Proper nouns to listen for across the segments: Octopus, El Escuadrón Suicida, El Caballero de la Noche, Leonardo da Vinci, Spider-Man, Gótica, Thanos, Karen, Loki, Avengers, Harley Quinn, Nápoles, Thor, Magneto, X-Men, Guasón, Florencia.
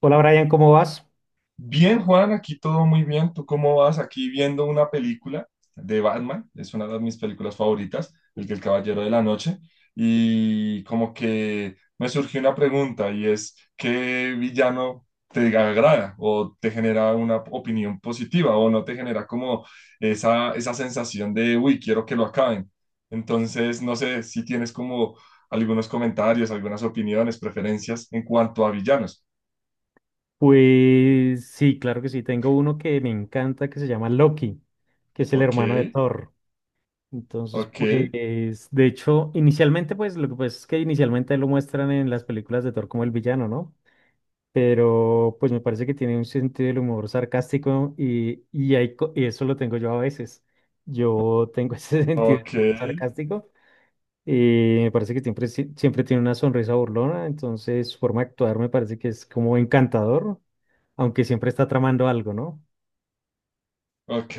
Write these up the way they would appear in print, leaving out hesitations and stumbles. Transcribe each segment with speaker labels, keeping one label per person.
Speaker 1: Hola Brian, ¿cómo vas?
Speaker 2: Bien, Juan, aquí todo muy bien. ¿Tú cómo vas? Aquí viendo una película de Batman, es una de mis películas favoritas, el que El Caballero de la Noche, y como que me surgió una pregunta y es, ¿qué villano te agrada o te genera una opinión positiva o no te genera como esa sensación de, uy, quiero que lo acaben? Entonces, no sé si tienes como algunos comentarios, algunas opiniones, preferencias en cuanto a villanos.
Speaker 1: Pues sí, claro que sí. Tengo uno que me encanta que se llama Loki, que es el
Speaker 2: Ok,
Speaker 1: hermano de Thor. Entonces,
Speaker 2: ok.
Speaker 1: pues, de hecho, inicialmente, pues, lo que pasa es que inicialmente lo muestran en las películas de Thor como el villano, ¿no? Pero, pues, me parece que tiene un sentido del humor sarcástico y y eso lo tengo yo a veces. Yo tengo ese sentido del
Speaker 2: Ok,
Speaker 1: humor sarcástico. Y me parece que siempre, siempre tiene una sonrisa burlona, entonces su forma de actuar me parece que es como encantador, aunque siempre está tramando algo, ¿no?
Speaker 2: ok.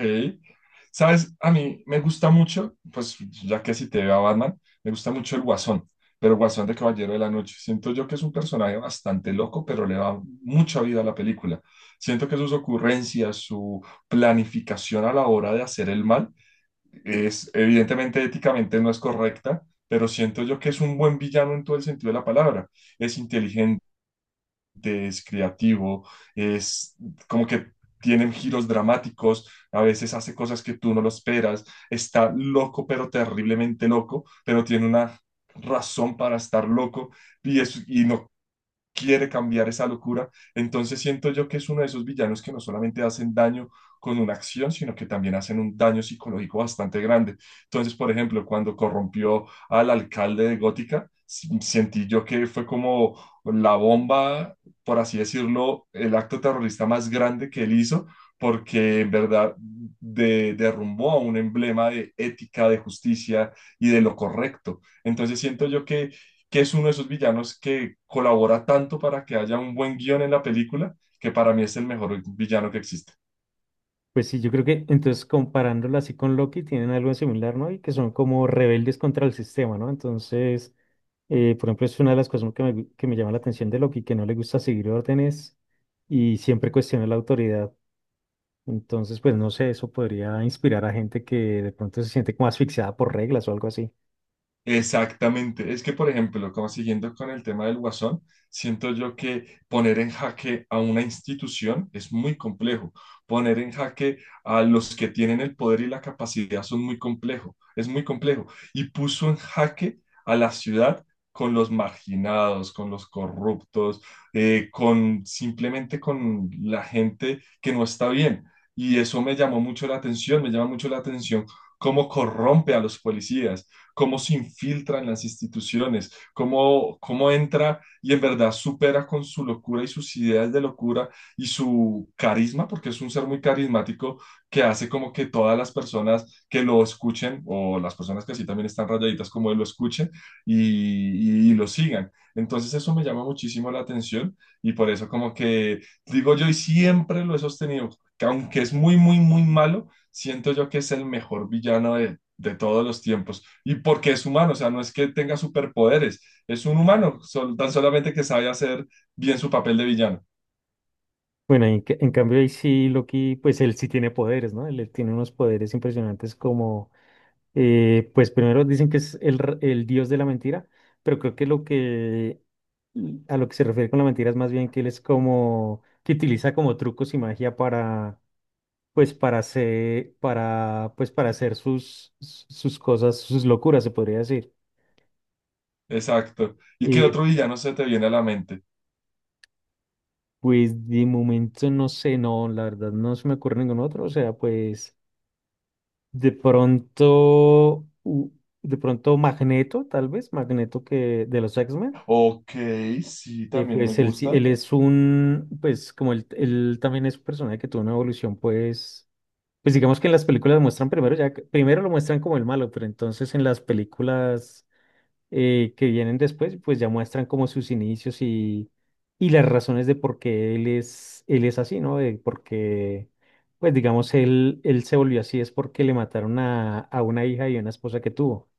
Speaker 2: Sabes, a mí me gusta mucho, pues ya que si te veo a Batman, me gusta mucho el Guasón, pero el Guasón de Caballero de la Noche. Siento yo que es un personaje bastante loco, pero le da mucha vida a la película. Siento que sus ocurrencias, su planificación a la hora de hacer el mal, es evidentemente éticamente no es correcta, pero siento yo que es un buen villano en todo el sentido de la palabra. Es inteligente, es creativo, es como que tienen giros dramáticos, a veces hace cosas que tú no lo esperas, está loco pero terriblemente loco, pero tiene una razón para estar loco y, y no quiere cambiar esa locura. Entonces siento yo que es uno de esos villanos que no solamente hacen daño con una acción, sino que también hacen un daño psicológico bastante grande. Entonces, por ejemplo, cuando corrompió al alcalde de Gótica, sentí yo que fue como la bomba, por así decirlo, el acto terrorista más grande que él hizo, porque en verdad derrumbó a un emblema de ética, de justicia y de lo correcto. Entonces siento yo que es uno de esos villanos que colabora tanto para que haya un buen guión en la película, que para mí es el mejor villano que existe.
Speaker 1: Pues sí, yo creo que entonces comparándolo así con Loki tienen algo en similar, ¿no? Y que son como rebeldes contra el sistema, ¿no? Entonces, por ejemplo, es una de las cosas que que me llama la atención de Loki, que no le gusta seguir órdenes y siempre cuestiona la autoridad. Entonces, pues no sé, eso podría inspirar a gente que de pronto se siente como asfixiada por reglas o algo así.
Speaker 2: Exactamente. Es que, por ejemplo, como siguiendo con el tema del Guasón, siento yo que poner en jaque a una institución es muy complejo. Poner en jaque a los que tienen el poder y la capacidad son muy complejo. Es muy complejo. Y puso en jaque a la ciudad con los marginados, con los corruptos, con simplemente con la gente que no está bien. Y eso me llamó mucho la atención, me llama mucho la atención cómo corrompe a los policías, cómo, se infiltra en las instituciones, cómo entra y en verdad supera con su locura y sus ideas de locura y su carisma, porque es un ser muy carismático que hace como que todas las personas que lo escuchen o las personas que así también están rayaditas como él lo escuchen y lo sigan. Entonces eso me llama muchísimo la atención y por eso como que digo yo y siempre lo he sostenido, que aunque es muy, muy, muy malo, siento yo que es el mejor villano de todos los tiempos. Y porque es humano, o sea, no es que tenga superpoderes, es un humano, tan solamente que sabe hacer bien su papel de villano.
Speaker 1: Bueno, en cambio ahí sí Loki, pues él sí tiene poderes, ¿no? Él tiene unos poderes impresionantes como, pues primero dicen que es el dios de la mentira, pero creo que lo que, a lo que se refiere con la mentira es más bien que él es como, que utiliza como trucos y magia para, pues para hacer, para, pues para hacer sus, sus cosas, sus locuras, se podría decir.
Speaker 2: Exacto. ¿Y qué otro
Speaker 1: Y
Speaker 2: villano se te viene a la mente?
Speaker 1: pues de momento no sé, no, la verdad no se me ocurre ningún otro, o sea, pues... De pronto, de pronto Magneto, tal vez, Magneto que de los X-Men,
Speaker 2: Ok, sí, también me
Speaker 1: pues él, él
Speaker 2: gusta.
Speaker 1: es un, pues como él también es un personaje que tuvo una evolución, pues, pues digamos que en las películas muestran primero, ya, primero lo muestran como el malo, pero entonces en las películas que vienen después, pues ya muestran como sus inicios y las razones de por qué él es así, ¿no? De por qué, pues digamos, él se volvió así es porque le mataron a una hija y a una esposa que tuvo.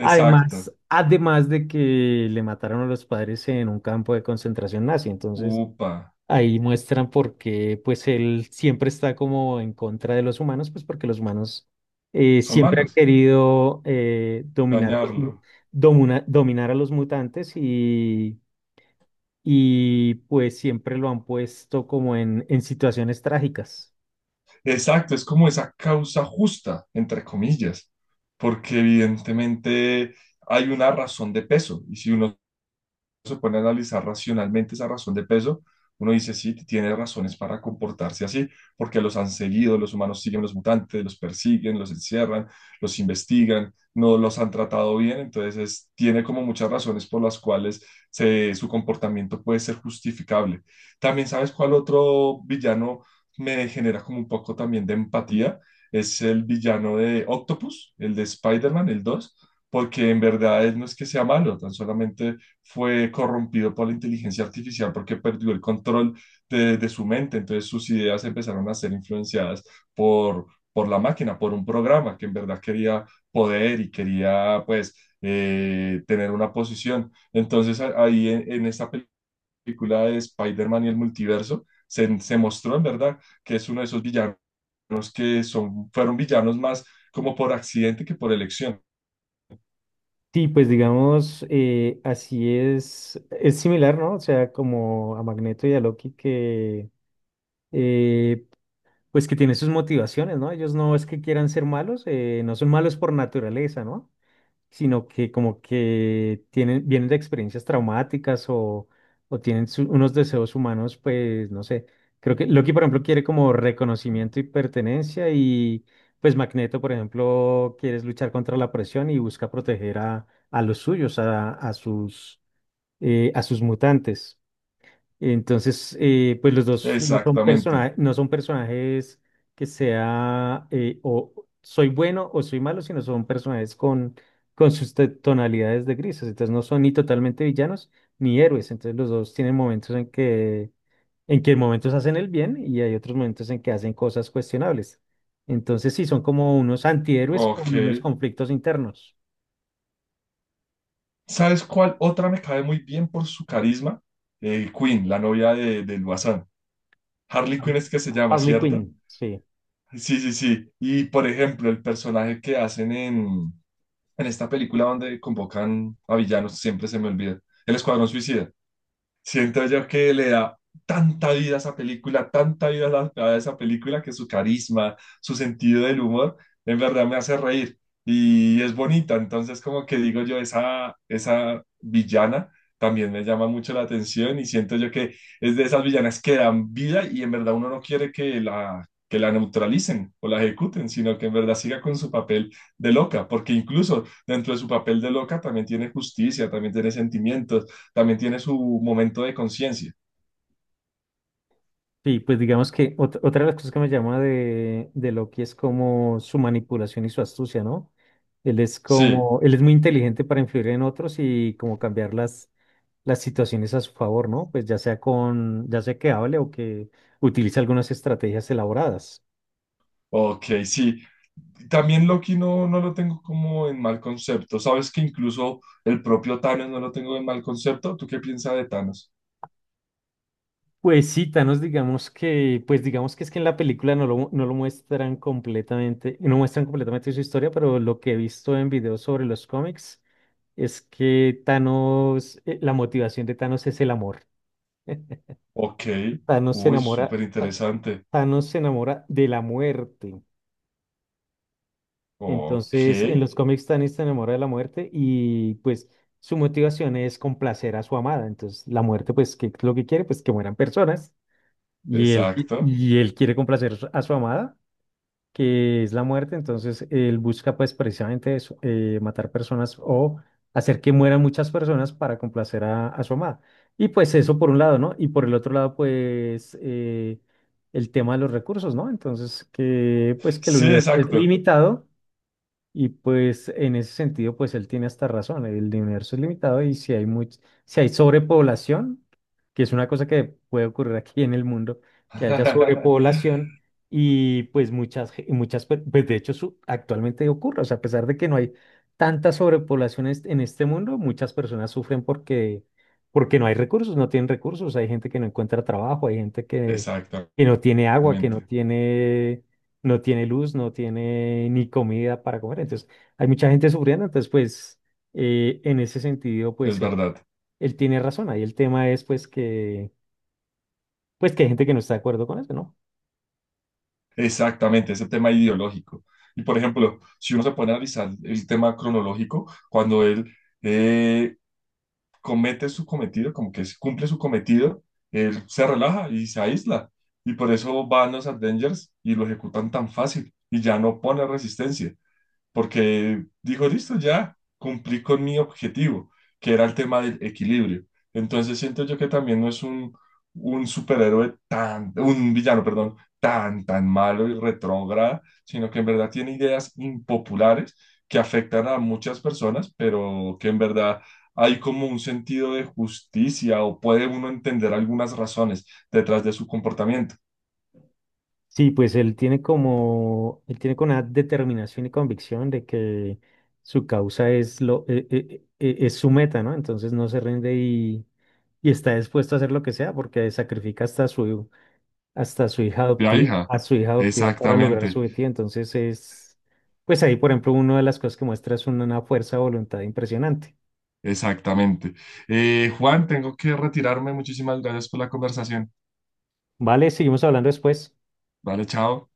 Speaker 1: Además, además de que le mataron a los padres en un campo de concentración nazi, entonces
Speaker 2: Upa,
Speaker 1: ahí muestran por qué, pues él siempre está como en contra de los humanos, pues porque los humanos
Speaker 2: son
Speaker 1: siempre han
Speaker 2: malos,
Speaker 1: querido dominar a
Speaker 2: dañarlo.
Speaker 1: dominar a los mutantes y pues siempre lo han puesto como en situaciones trágicas.
Speaker 2: Exacto, es como esa causa justa, entre comillas, porque evidentemente hay una razón de peso, y si uno se pone a analizar racionalmente esa razón de peso, uno dice, sí, tiene razones para comportarse así, porque los han seguido, los humanos siguen los mutantes, los persiguen, los encierran, los investigan, no los han tratado bien, entonces tiene como muchas razones por las cuales su comportamiento puede ser justificable. También, ¿sabes cuál otro villano me genera como un poco también de empatía? Es el villano de Octopus, el de Spider-Man, el 2, porque en verdad él no es que sea malo, tan solamente fue corrompido por la inteligencia artificial porque perdió el control de su mente. Entonces sus ideas empezaron a ser influenciadas por, por, la máquina, por un programa que en verdad quería poder y quería pues tener una posición. Entonces ahí en esta película de Spider-Man y el multiverso se mostró en verdad que es uno de esos villanos que son, fueron villanos más como por accidente que por elección.
Speaker 1: Sí, pues digamos, así es similar, ¿no? O sea, como a Magneto y a Loki que... eh, pues que tiene sus motivaciones, ¿no? Ellos no es que quieran ser malos, no son malos por naturaleza, ¿no? Sino que como que tienen, vienen de experiencias traumáticas o tienen unos deseos humanos, pues no sé. Creo que Loki, por ejemplo, quiere como reconocimiento y pertenencia y pues Magneto, por ejemplo, quiere luchar contra la presión y busca proteger a los suyos, a sus mutantes. Entonces, pues los dos no son
Speaker 2: Exactamente.
Speaker 1: personajes, no son personajes que sea o soy bueno o soy malo, sino son personajes con sus tonalidades de grises. Entonces no son ni totalmente villanos ni héroes. Entonces los dos tienen momentos en que momentos hacen el bien y hay otros momentos en que hacen cosas cuestionables. Entonces sí, son como unos antihéroes con
Speaker 2: Ok.
Speaker 1: unos conflictos internos.
Speaker 2: ¿Sabes cuál otra me cae muy bien por su carisma? Queen, la novia del Guasán. Harley Quinn es que se llama,
Speaker 1: Harley
Speaker 2: ¿cierto?
Speaker 1: Quinn, sí.
Speaker 2: Sí, sí, sí. Y por ejemplo, el personaje que hacen en esta película donde convocan a villanos, siempre se me olvida. El Escuadrón Suicida. Siento yo que le da tanta vida a esa película, tanta vida a, a esa película que su carisma, su sentido del humor, en verdad me hace reír y es bonita. Entonces, como que digo yo, esa villana también me llama mucho la atención y siento yo que es de esas villanas que dan vida y en verdad uno no quiere que la neutralicen o la ejecuten, sino que en verdad siga con su papel de loca, porque incluso dentro de su papel de loca también tiene justicia, también tiene sentimientos, también tiene su momento de conciencia.
Speaker 1: Sí, pues digamos que otra de las cosas que me llama de Loki es como su manipulación y su astucia, ¿no? Él es
Speaker 2: Sí,
Speaker 1: como, él es muy inteligente para influir en otros y como cambiar las situaciones a su favor, ¿no? Pues ya sea con, ya sea que hable o que utilice algunas estrategias elaboradas.
Speaker 2: ok, sí. También Loki no, no lo tengo como en mal concepto. Sabes que incluso el propio Thanos no lo tengo en mal concepto. ¿Tú qué piensas de Thanos?
Speaker 1: Pues sí, Thanos, digamos que, pues digamos que es que en la película no lo, no lo muestran completamente, no muestran completamente su historia, pero lo que he visto en videos sobre los cómics es que Thanos, la motivación de Thanos es el amor.
Speaker 2: Ok,
Speaker 1: Thanos se
Speaker 2: uy,
Speaker 1: enamora,
Speaker 2: súper interesante.
Speaker 1: Thanos se enamora de la muerte.
Speaker 2: Ok,
Speaker 1: Entonces, en los cómics Thanos se enamora de la muerte y pues su motivación es complacer a su amada. Entonces, la muerte, pues, ¿qué es lo que quiere? Pues que mueran personas. Y él,
Speaker 2: exacto.
Speaker 1: y él quiere complacer a su amada, que es la muerte, entonces él busca pues precisamente eso, matar personas o hacer que mueran muchas personas para complacer a su amada. Y pues eso por un lado, ¿no? Y por el otro lado, pues el tema de los recursos, ¿no? Entonces, que pues que el
Speaker 2: Sí,
Speaker 1: universo es
Speaker 2: exacto.
Speaker 1: limitado y pues en ese sentido, pues él tiene hasta razón, el universo es limitado y si hay si hay sobrepoblación, que es una cosa que puede ocurrir aquí en el mundo, que haya sobrepoblación y pues pues de hecho actualmente ocurre, o sea, a pesar de que no hay tanta sobrepoblación en este mundo, muchas personas sufren porque, porque no hay recursos, no tienen recursos, hay gente que no encuentra trabajo, hay gente
Speaker 2: Exactamente,
Speaker 1: que no tiene agua, que no tiene no tiene luz, no tiene ni comida para comer. Entonces, hay mucha gente sufriendo. Entonces, pues, en ese sentido,
Speaker 2: es
Speaker 1: pues, él,
Speaker 2: verdad.
Speaker 1: él tiene razón. Ahí el tema es, pues, que hay gente que no está de acuerdo con eso, ¿no?
Speaker 2: Exactamente, ese tema ideológico. Y por ejemplo, si uno se pone a analizar el tema cronológico, cuando él eh, comete su cometido, como que cumple su cometido, él se relaja y se aísla. Y por eso van los Avengers y lo ejecutan tan fácil y ya no pone resistencia porque dijo, listo, ya cumplí con mi objetivo, que era el tema del equilibrio. Entonces siento yo que también no es un, un villano, perdón, tan, tan malo y retrógrada, sino que en verdad tiene ideas impopulares que afectan a muchas personas, pero que en verdad hay como un sentido de justicia o puede uno entender algunas razones detrás de su comportamiento.
Speaker 1: Sí, pues, él tiene como, él tiene con una determinación y convicción de que su causa es lo, es su meta, ¿no? Entonces, no se rinde y está dispuesto a hacer lo que sea porque sacrifica hasta su hija
Speaker 2: Propia
Speaker 1: adoptiva,
Speaker 2: hija.
Speaker 1: a su hija adoptiva para lograr su
Speaker 2: Exactamente.
Speaker 1: objetivo. Entonces es, pues ahí, por ejemplo, una de las cosas que muestra es una fuerza de voluntad impresionante.
Speaker 2: Exactamente. Juan, tengo que retirarme. Muchísimas gracias por la conversación.
Speaker 1: Vale, seguimos hablando después.
Speaker 2: Vale, chao.